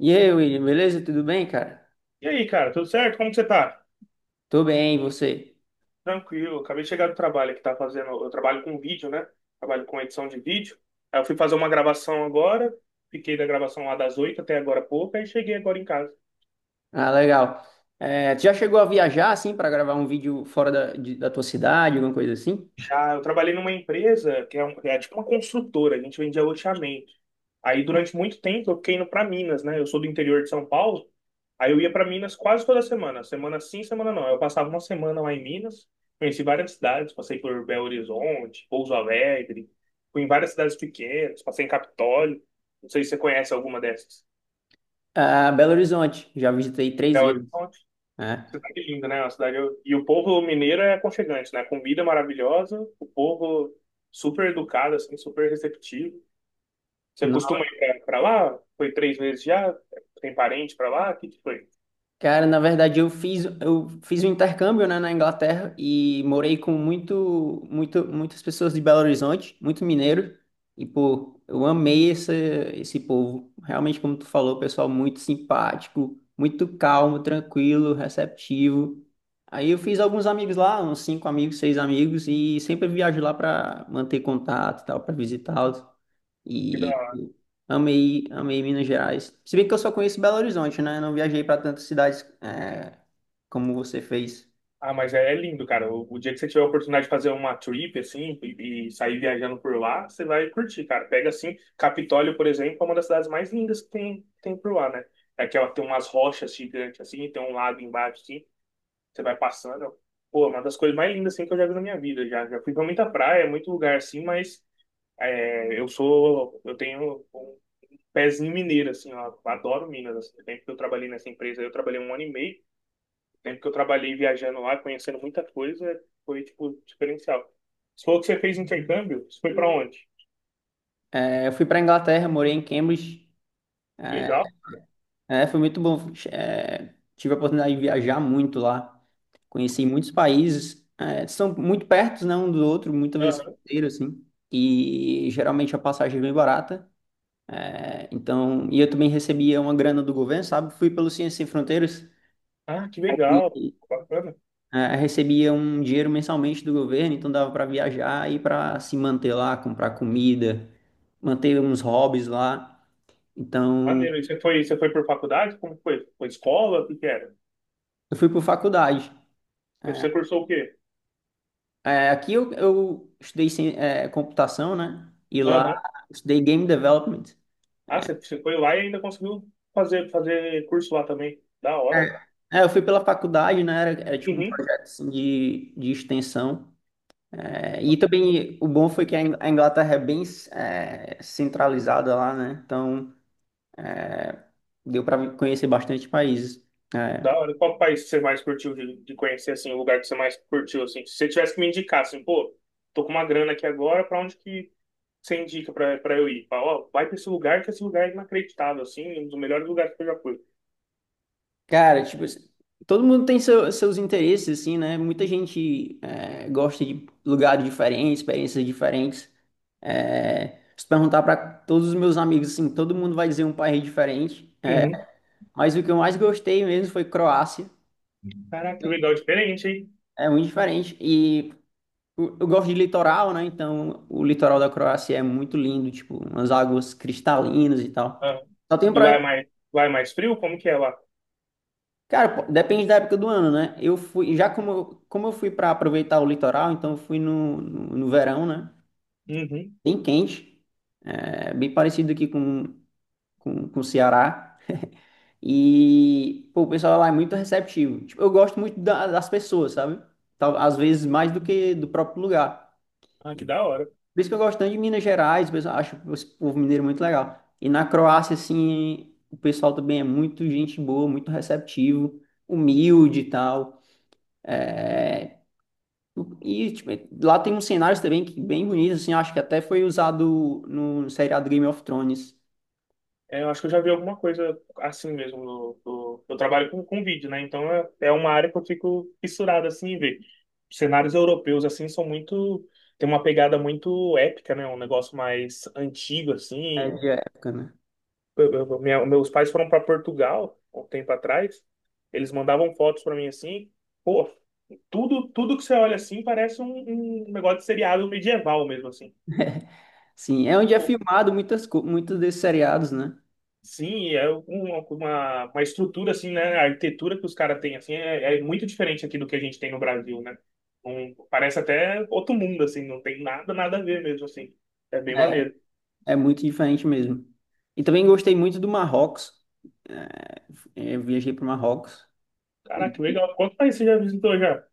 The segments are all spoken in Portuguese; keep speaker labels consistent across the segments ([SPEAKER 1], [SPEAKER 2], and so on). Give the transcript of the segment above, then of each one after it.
[SPEAKER 1] E aí, William, beleza? Tudo bem, cara?
[SPEAKER 2] E aí, cara, tudo certo? Como que você tá?
[SPEAKER 1] Tô bem, e você?
[SPEAKER 2] Tranquilo, acabei de chegar do trabalho que tá fazendo. Eu trabalho com vídeo, né? Trabalho com edição de vídeo. Aí eu fui fazer uma gravação agora, fiquei da gravação lá das 8 até agora há pouco, aí cheguei agora em casa.
[SPEAKER 1] Ah, legal. É, tu já chegou a viajar, assim, pra gravar um vídeo fora da tua cidade, alguma coisa assim?
[SPEAKER 2] Ah, eu trabalhei numa empresa é tipo uma construtora, a gente vendia loteamento. Aí durante muito tempo eu fiquei indo pra Minas, né? Eu sou do interior de São Paulo. Aí eu ia para Minas quase toda semana, semana sim, semana não. Eu passava uma semana lá em Minas, conheci várias cidades, passei por Belo Horizonte, Pouso Alegre, fui em várias cidades pequenas, passei em Capitólio. Não sei se você conhece alguma dessas.
[SPEAKER 1] Ah, Belo Horizonte, já visitei três
[SPEAKER 2] Belo
[SPEAKER 1] vezes,
[SPEAKER 2] Horizonte,
[SPEAKER 1] né?
[SPEAKER 2] cidade linda, né? E o povo mineiro é aconchegante, né? Comida maravilhosa, o povo super educado, assim, super receptivo. Você costuma ir para lá? Foi três vezes já? Tem parente para lá? O que que foi?
[SPEAKER 1] Cara, na verdade eu fiz um intercâmbio, né, na Inglaterra e morei com muitas pessoas de Belo Horizonte, muito mineiro, e pô, eu amei esse povo. Realmente, como tu falou, pessoal muito simpático, muito calmo, tranquilo, receptivo. Aí eu fiz alguns amigos lá, uns cinco amigos, seis amigos, e sempre viajo lá para manter contato e tal, para visitá-los.
[SPEAKER 2] Que da
[SPEAKER 1] E
[SPEAKER 2] hora.
[SPEAKER 1] amei, amei Minas Gerais. Se bem que eu só conheço Belo Horizonte, né? Não viajei para tantas cidades como você fez.
[SPEAKER 2] Ah, mas é, é lindo, cara. O dia que você tiver a oportunidade de fazer uma trip, assim, e sair viajando por lá, você vai curtir, cara. Pega, assim, Capitólio, por exemplo, é uma das cidades mais lindas que tem por lá, né? É que ela tem umas rochas gigantes, assim, tem um lago embaixo, assim, você vai passando. Pô, é uma das coisas mais lindas, assim, que eu já vi na minha vida. Já fui pra muita praia, muito lugar, assim, mas é, eu tenho um pezinho mineiro, assim, ó. Adoro Minas, assim. Tempo que eu trabalhei nessa empresa, eu trabalhei 1 ano e meio, tempo que eu trabalhei viajando lá, conhecendo muita coisa, foi, tipo, diferencial. Você falou que você fez intercâmbio? Você foi pra onde?
[SPEAKER 1] É, eu fui para Inglaterra, morei em Cambridge.
[SPEAKER 2] Que legal.
[SPEAKER 1] É, foi muito bom. É, tive a oportunidade de viajar muito lá. Conheci muitos países. É, são muito pertos, né, um do outro, muitas vezes
[SPEAKER 2] Aham.
[SPEAKER 1] inteiro, assim. E geralmente a passagem é bem barata. É, então, e eu também recebia uma grana do governo, sabe? Fui pelo Ciência Sem Fronteiras.
[SPEAKER 2] Ah, que legal. Bacana.
[SPEAKER 1] Recebia um dinheiro mensalmente do governo, então dava para viajar e para se manter lá, comprar comida, manter uns hobbies lá. Então,
[SPEAKER 2] Maneiro. E você foi por faculdade? Como foi? Foi escola? O que que era?
[SPEAKER 1] eu fui por faculdade.
[SPEAKER 2] Você
[SPEAKER 1] É,
[SPEAKER 2] você cursou o quê?
[SPEAKER 1] é, aqui eu estudei computação, né? E lá
[SPEAKER 2] Aham.
[SPEAKER 1] eu estudei game development.
[SPEAKER 2] Ah, você foi lá e ainda conseguiu fazer curso lá também. Da hora.
[SPEAKER 1] É, é, eu fui pela faculdade, né? Era tipo um
[SPEAKER 2] Uhum.
[SPEAKER 1] projeto assim, de extensão. É, e também o bom foi que a Inglaterra é bem centralizada lá, né? Então deu para conhecer bastante países. É.
[SPEAKER 2] Da hora. Qual país que você mais curtiu de conhecer, assim, o lugar que você mais curtiu, assim? Se você tivesse que me indicar, assim, pô, tô com uma grana aqui agora, pra onde que você indica pra eu ir? Fala, ó, vai pra esse lugar, que esse lugar é inacreditável, assim, um dos melhores lugares que eu já fui.
[SPEAKER 1] Cara, tipo, assim, todo mundo tem seus interesses, assim, né? Muita gente gosta de lugares diferentes, experiências diferentes. É, se perguntar para todos os meus amigos, assim, todo mundo vai dizer um país diferente, né?
[SPEAKER 2] Uhum.
[SPEAKER 1] Mas o que eu mais gostei mesmo foi Croácia.
[SPEAKER 2] Caraca, que legal, diferente, hein?
[SPEAKER 1] É muito diferente. E eu gosto de litoral, né? Então, o litoral da Croácia é muito lindo, tipo, umas águas cristalinas e tal.
[SPEAKER 2] Ah.
[SPEAKER 1] Só tem um
[SPEAKER 2] E
[SPEAKER 1] problema.
[SPEAKER 2] lá é mais frio? Como que é lá?
[SPEAKER 1] Cara, pô, depende da época do ano, né? Eu fui, já como, como eu fui para aproveitar o litoral, então eu fui no verão, né?
[SPEAKER 2] Uhum.
[SPEAKER 1] Bem quente, é, bem parecido aqui com o Ceará. E, pô, o pessoal lá é muito receptivo. Tipo, eu gosto muito das pessoas, sabe? Tal, às vezes mais do que do próprio lugar.
[SPEAKER 2] Ah, que da hora.
[SPEAKER 1] Por isso que eu gosto tanto de Minas Gerais, o pessoal, acho o povo mineiro muito legal. E na Croácia, assim, o pessoal também é muito gente boa, muito receptivo, humilde e tal. É, e tipo, lá tem uns cenários também que bem bonitos, assim, acho que até foi usado no seriado Game of Thrones,
[SPEAKER 2] É, eu acho que eu já vi alguma coisa assim mesmo. Eu trabalho com vídeo, né? Então é, é uma área que eu fico fissurado assim em ver. Cenários europeus assim são muito. Tem uma pegada muito épica, né? Um negócio mais antigo,
[SPEAKER 1] é,
[SPEAKER 2] assim.
[SPEAKER 1] de época, né?
[SPEAKER 2] Meus pais foram para Portugal há um tempo atrás. Eles mandavam fotos para mim assim, pô, tudo que você olha assim parece um, um negócio de seriado medieval mesmo assim.
[SPEAKER 1] Sim, é onde é
[SPEAKER 2] Pô,
[SPEAKER 1] filmado muitos desses seriados, né?
[SPEAKER 2] sim, é uma estrutura assim, né? A arquitetura que os caras têm assim é, é muito diferente aqui do que a gente tem no Brasil, né? Um, parece até outro mundo assim, não tem nada a ver mesmo assim. É bem maneiro.
[SPEAKER 1] É muito diferente mesmo. E também gostei muito do Marrocos. É, é, eu viajei para o Marrocos. E,
[SPEAKER 2] Caraca, que legal. Quanto país você já visitou já?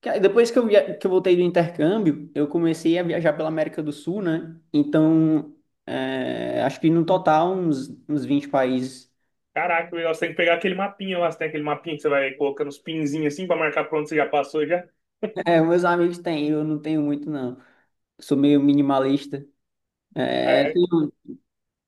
[SPEAKER 1] cara, depois que que eu voltei do intercâmbio, eu comecei a viajar pela América do Sul, né? Então, acho que no total uns 20 países.
[SPEAKER 2] Caraca, legal. Você tem que pegar aquele mapinha lá. Você tem aquele mapinha que você vai colocando os pinzinhos assim pra marcar pra onde você já passou já.
[SPEAKER 1] É, meus amigos têm, eu não tenho muito, não. Sou meio minimalista.
[SPEAKER 2] Ah,
[SPEAKER 1] É,
[SPEAKER 2] é.
[SPEAKER 1] tenho,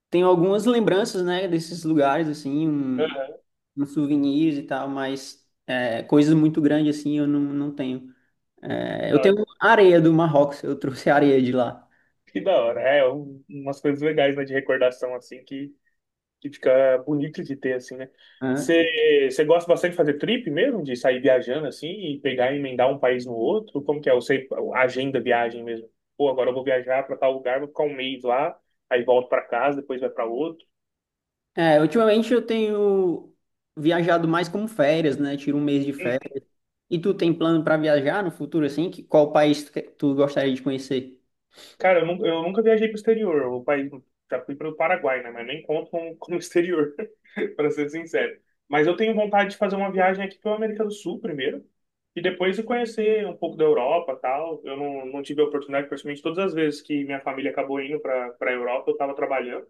[SPEAKER 1] tenho algumas lembranças, né, desses lugares, assim, um,
[SPEAKER 2] Aham,
[SPEAKER 1] uns souvenirs e tal, mas coisas muito grandes, assim, eu não tenho. É,
[SPEAKER 2] da
[SPEAKER 1] eu tenho
[SPEAKER 2] hora.
[SPEAKER 1] areia do Marrocos, eu trouxe areia de lá,
[SPEAKER 2] Que da hora. É, um- umas coisas legais, né, de recordação assim que fica bonito de ter, assim, né?
[SPEAKER 1] né?
[SPEAKER 2] Você gosta bastante de fazer trip mesmo? De sair viajando assim e pegar e emendar um país no outro? Como que é? Eu sei, agenda viagem mesmo. Pô, agora eu vou viajar pra tal lugar, vou ficar um mês lá, aí volto pra casa, depois vai pra outro.
[SPEAKER 1] É, ultimamente eu tenho viajado mais como férias, né, tiro um mês de férias. E tu tem plano para viajar no futuro, assim? Qual país tu gostaria de conhecer?
[SPEAKER 2] Cara, eu nunca viajei pro exterior. O país, já fui pro Paraguai, né? Mas nem conto como exterior, para ser sincero. Mas eu tenho vontade de fazer uma viagem aqui pela América do Sul primeiro. E depois de conhecer um pouco da Europa tal. Eu não, Não tive a oportunidade, principalmente todas as vezes que minha família acabou indo para Europa, eu estava trabalhando.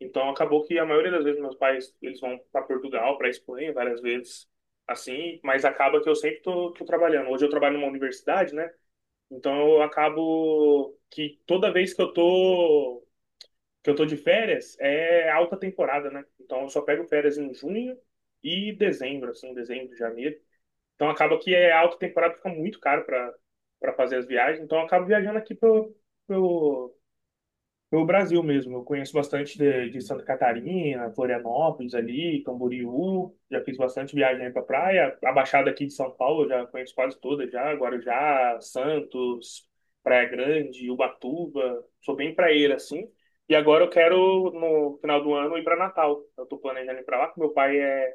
[SPEAKER 2] Então acabou que a maioria das vezes meus pais eles vão para Portugal, para Espanha várias vezes, assim. Mas acaba que eu sempre tô trabalhando. Hoje eu trabalho numa universidade, né? Então eu acabo que toda vez que eu tô de férias é alta temporada, né? Então eu só pego férias em junho e dezembro, assim, dezembro, janeiro. Então acaba que é alta temporada, fica muito caro para fazer as viagens. Então eu acabo viajando aqui para pelo Brasil mesmo, eu conheço bastante de Santa Catarina, Florianópolis ali, Camboriú, já fiz bastante viagem aí pra praia. A Baixada aqui de São Paulo eu já conheço quase toda já, Guarujá, Santos, Praia Grande, Ubatuba. Sou bem praieiro assim. E agora eu quero, no final do ano, ir para Natal. Eu tô planejando ir pra lá, que meu pai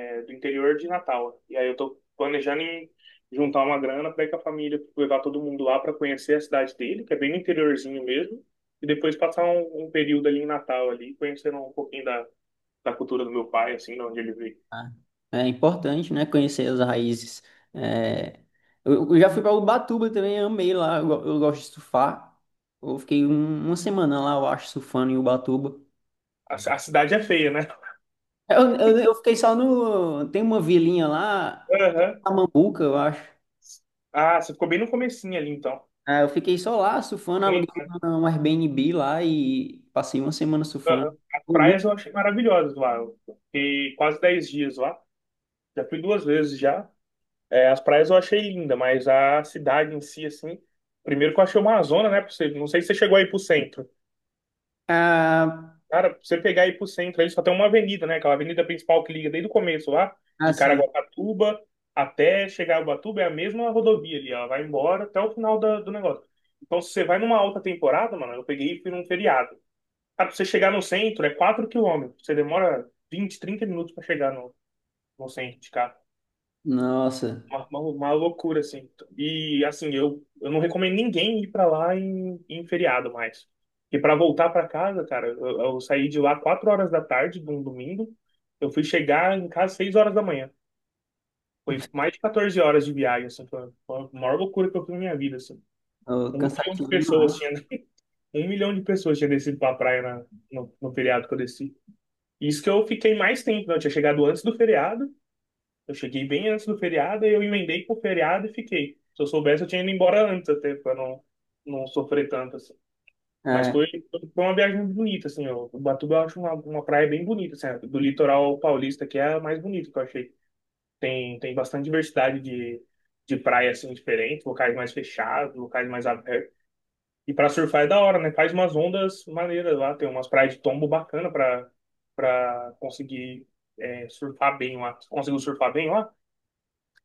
[SPEAKER 2] é do interior de Natal. E aí eu tô planejando em juntar uma grana para ir com a família, levar todo mundo lá para conhecer a cidade dele, que é bem no interiorzinho mesmo, e depois passar um, um período ali em Natal ali, conhecendo um pouquinho da, da cultura do meu pai, assim, de onde ele veio.
[SPEAKER 1] Ah, é importante, né? Conhecer as raízes. É, Eu já fui para Ubatuba também, amei lá. Eu gosto de surfar. Eu fiquei uma semana lá, eu acho, surfando em Ubatuba.
[SPEAKER 2] A cidade é feia, né?
[SPEAKER 1] Eu fiquei só no. Tem uma vilinha lá,
[SPEAKER 2] Aham.
[SPEAKER 1] Mambuca, eu acho.
[SPEAKER 2] Ah, você ficou bem no comecinho ali, então.
[SPEAKER 1] Ah, eu fiquei só lá surfando, aluguei
[SPEAKER 2] Sim,
[SPEAKER 1] um Airbnb lá e passei uma semana surfando.
[SPEAKER 2] aham. As
[SPEAKER 1] Foi
[SPEAKER 2] praias
[SPEAKER 1] muito.
[SPEAKER 2] eu achei maravilhosas lá. Eu fiquei quase 10 dias lá. Já fui duas vezes já. É, as praias eu achei linda, mas a cidade em si, assim, primeiro que eu achei uma zona, né? Pra você, não sei se você chegou aí pro centro.
[SPEAKER 1] Ah,
[SPEAKER 2] Cara, pra você pegar aí pro centro, aí só tem uma avenida, né? Aquela avenida principal que liga desde o começo lá, de
[SPEAKER 1] assim.
[SPEAKER 2] Caraguatatuba até chegar a Ubatuba, é a mesma rodovia ali, ela vai embora até o final do negócio. Então, se você vai numa alta temporada, mano, eu peguei e fui num feriado. Cara, pra você chegar no centro é 4 quilômetros, você demora 20, 30 minutos pra chegar no, no centro de cá.
[SPEAKER 1] Nossa,
[SPEAKER 2] Uma loucura, assim. E, assim, eu não recomendo ninguém ir pra lá em feriado mais. E pra voltar pra casa, cara, eu saí de lá 4 horas da tarde de um domingo. Eu fui chegar em casa 6 horas da manhã. Foi mais de 14 horas de viagem, assim. Foi a maior loucura que eu fiz na minha vida, assim. 1 milhão de
[SPEAKER 1] cansativo
[SPEAKER 2] pessoas
[SPEAKER 1] demais.
[SPEAKER 2] tinha... 1 milhão de pessoas tinha descido pra praia na, no feriado que eu desci. Isso que eu fiquei mais tempo, né? Eu tinha chegado antes do feriado, eu cheguei bem antes do feriado, aí eu emendei com o feriado e fiquei. Se eu soubesse, eu tinha ido embora antes até, pra não, não sofrer tanto, assim. Mas
[SPEAKER 1] É.
[SPEAKER 2] foi, foi uma viagem bonita, assim, ó. Ubatuba eu acho uma praia bem bonita, assim. Do litoral paulista, que é a mais bonita que eu achei. Tem bastante diversidade de praia, assim, diferente. Locais mais fechados, locais mais abertos. E pra surfar é da hora, né? Faz umas ondas maneiras lá. Tem umas praias de tombo bacana pra, pra conseguir é, surfar bem lá. Conseguiu surfar bem lá?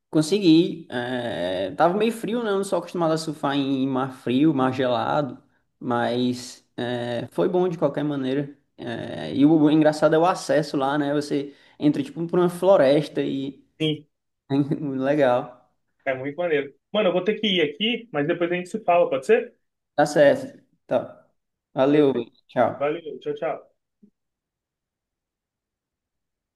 [SPEAKER 1] Consegui. Tava meio frio, né? Eu não sou acostumado a surfar em mar frio, mar gelado, mas foi bom de qualquer maneira. E o engraçado é o acesso lá, né? Você entra tipo por uma floresta e
[SPEAKER 2] Sim.
[SPEAKER 1] legal.
[SPEAKER 2] É muito maneiro. Mano, eu vou ter que ir aqui, mas depois a gente se fala, pode ser?
[SPEAKER 1] Tá certo. Tá. Valeu,
[SPEAKER 2] Perfeito.
[SPEAKER 1] tchau.
[SPEAKER 2] Valeu, tchau, tchau.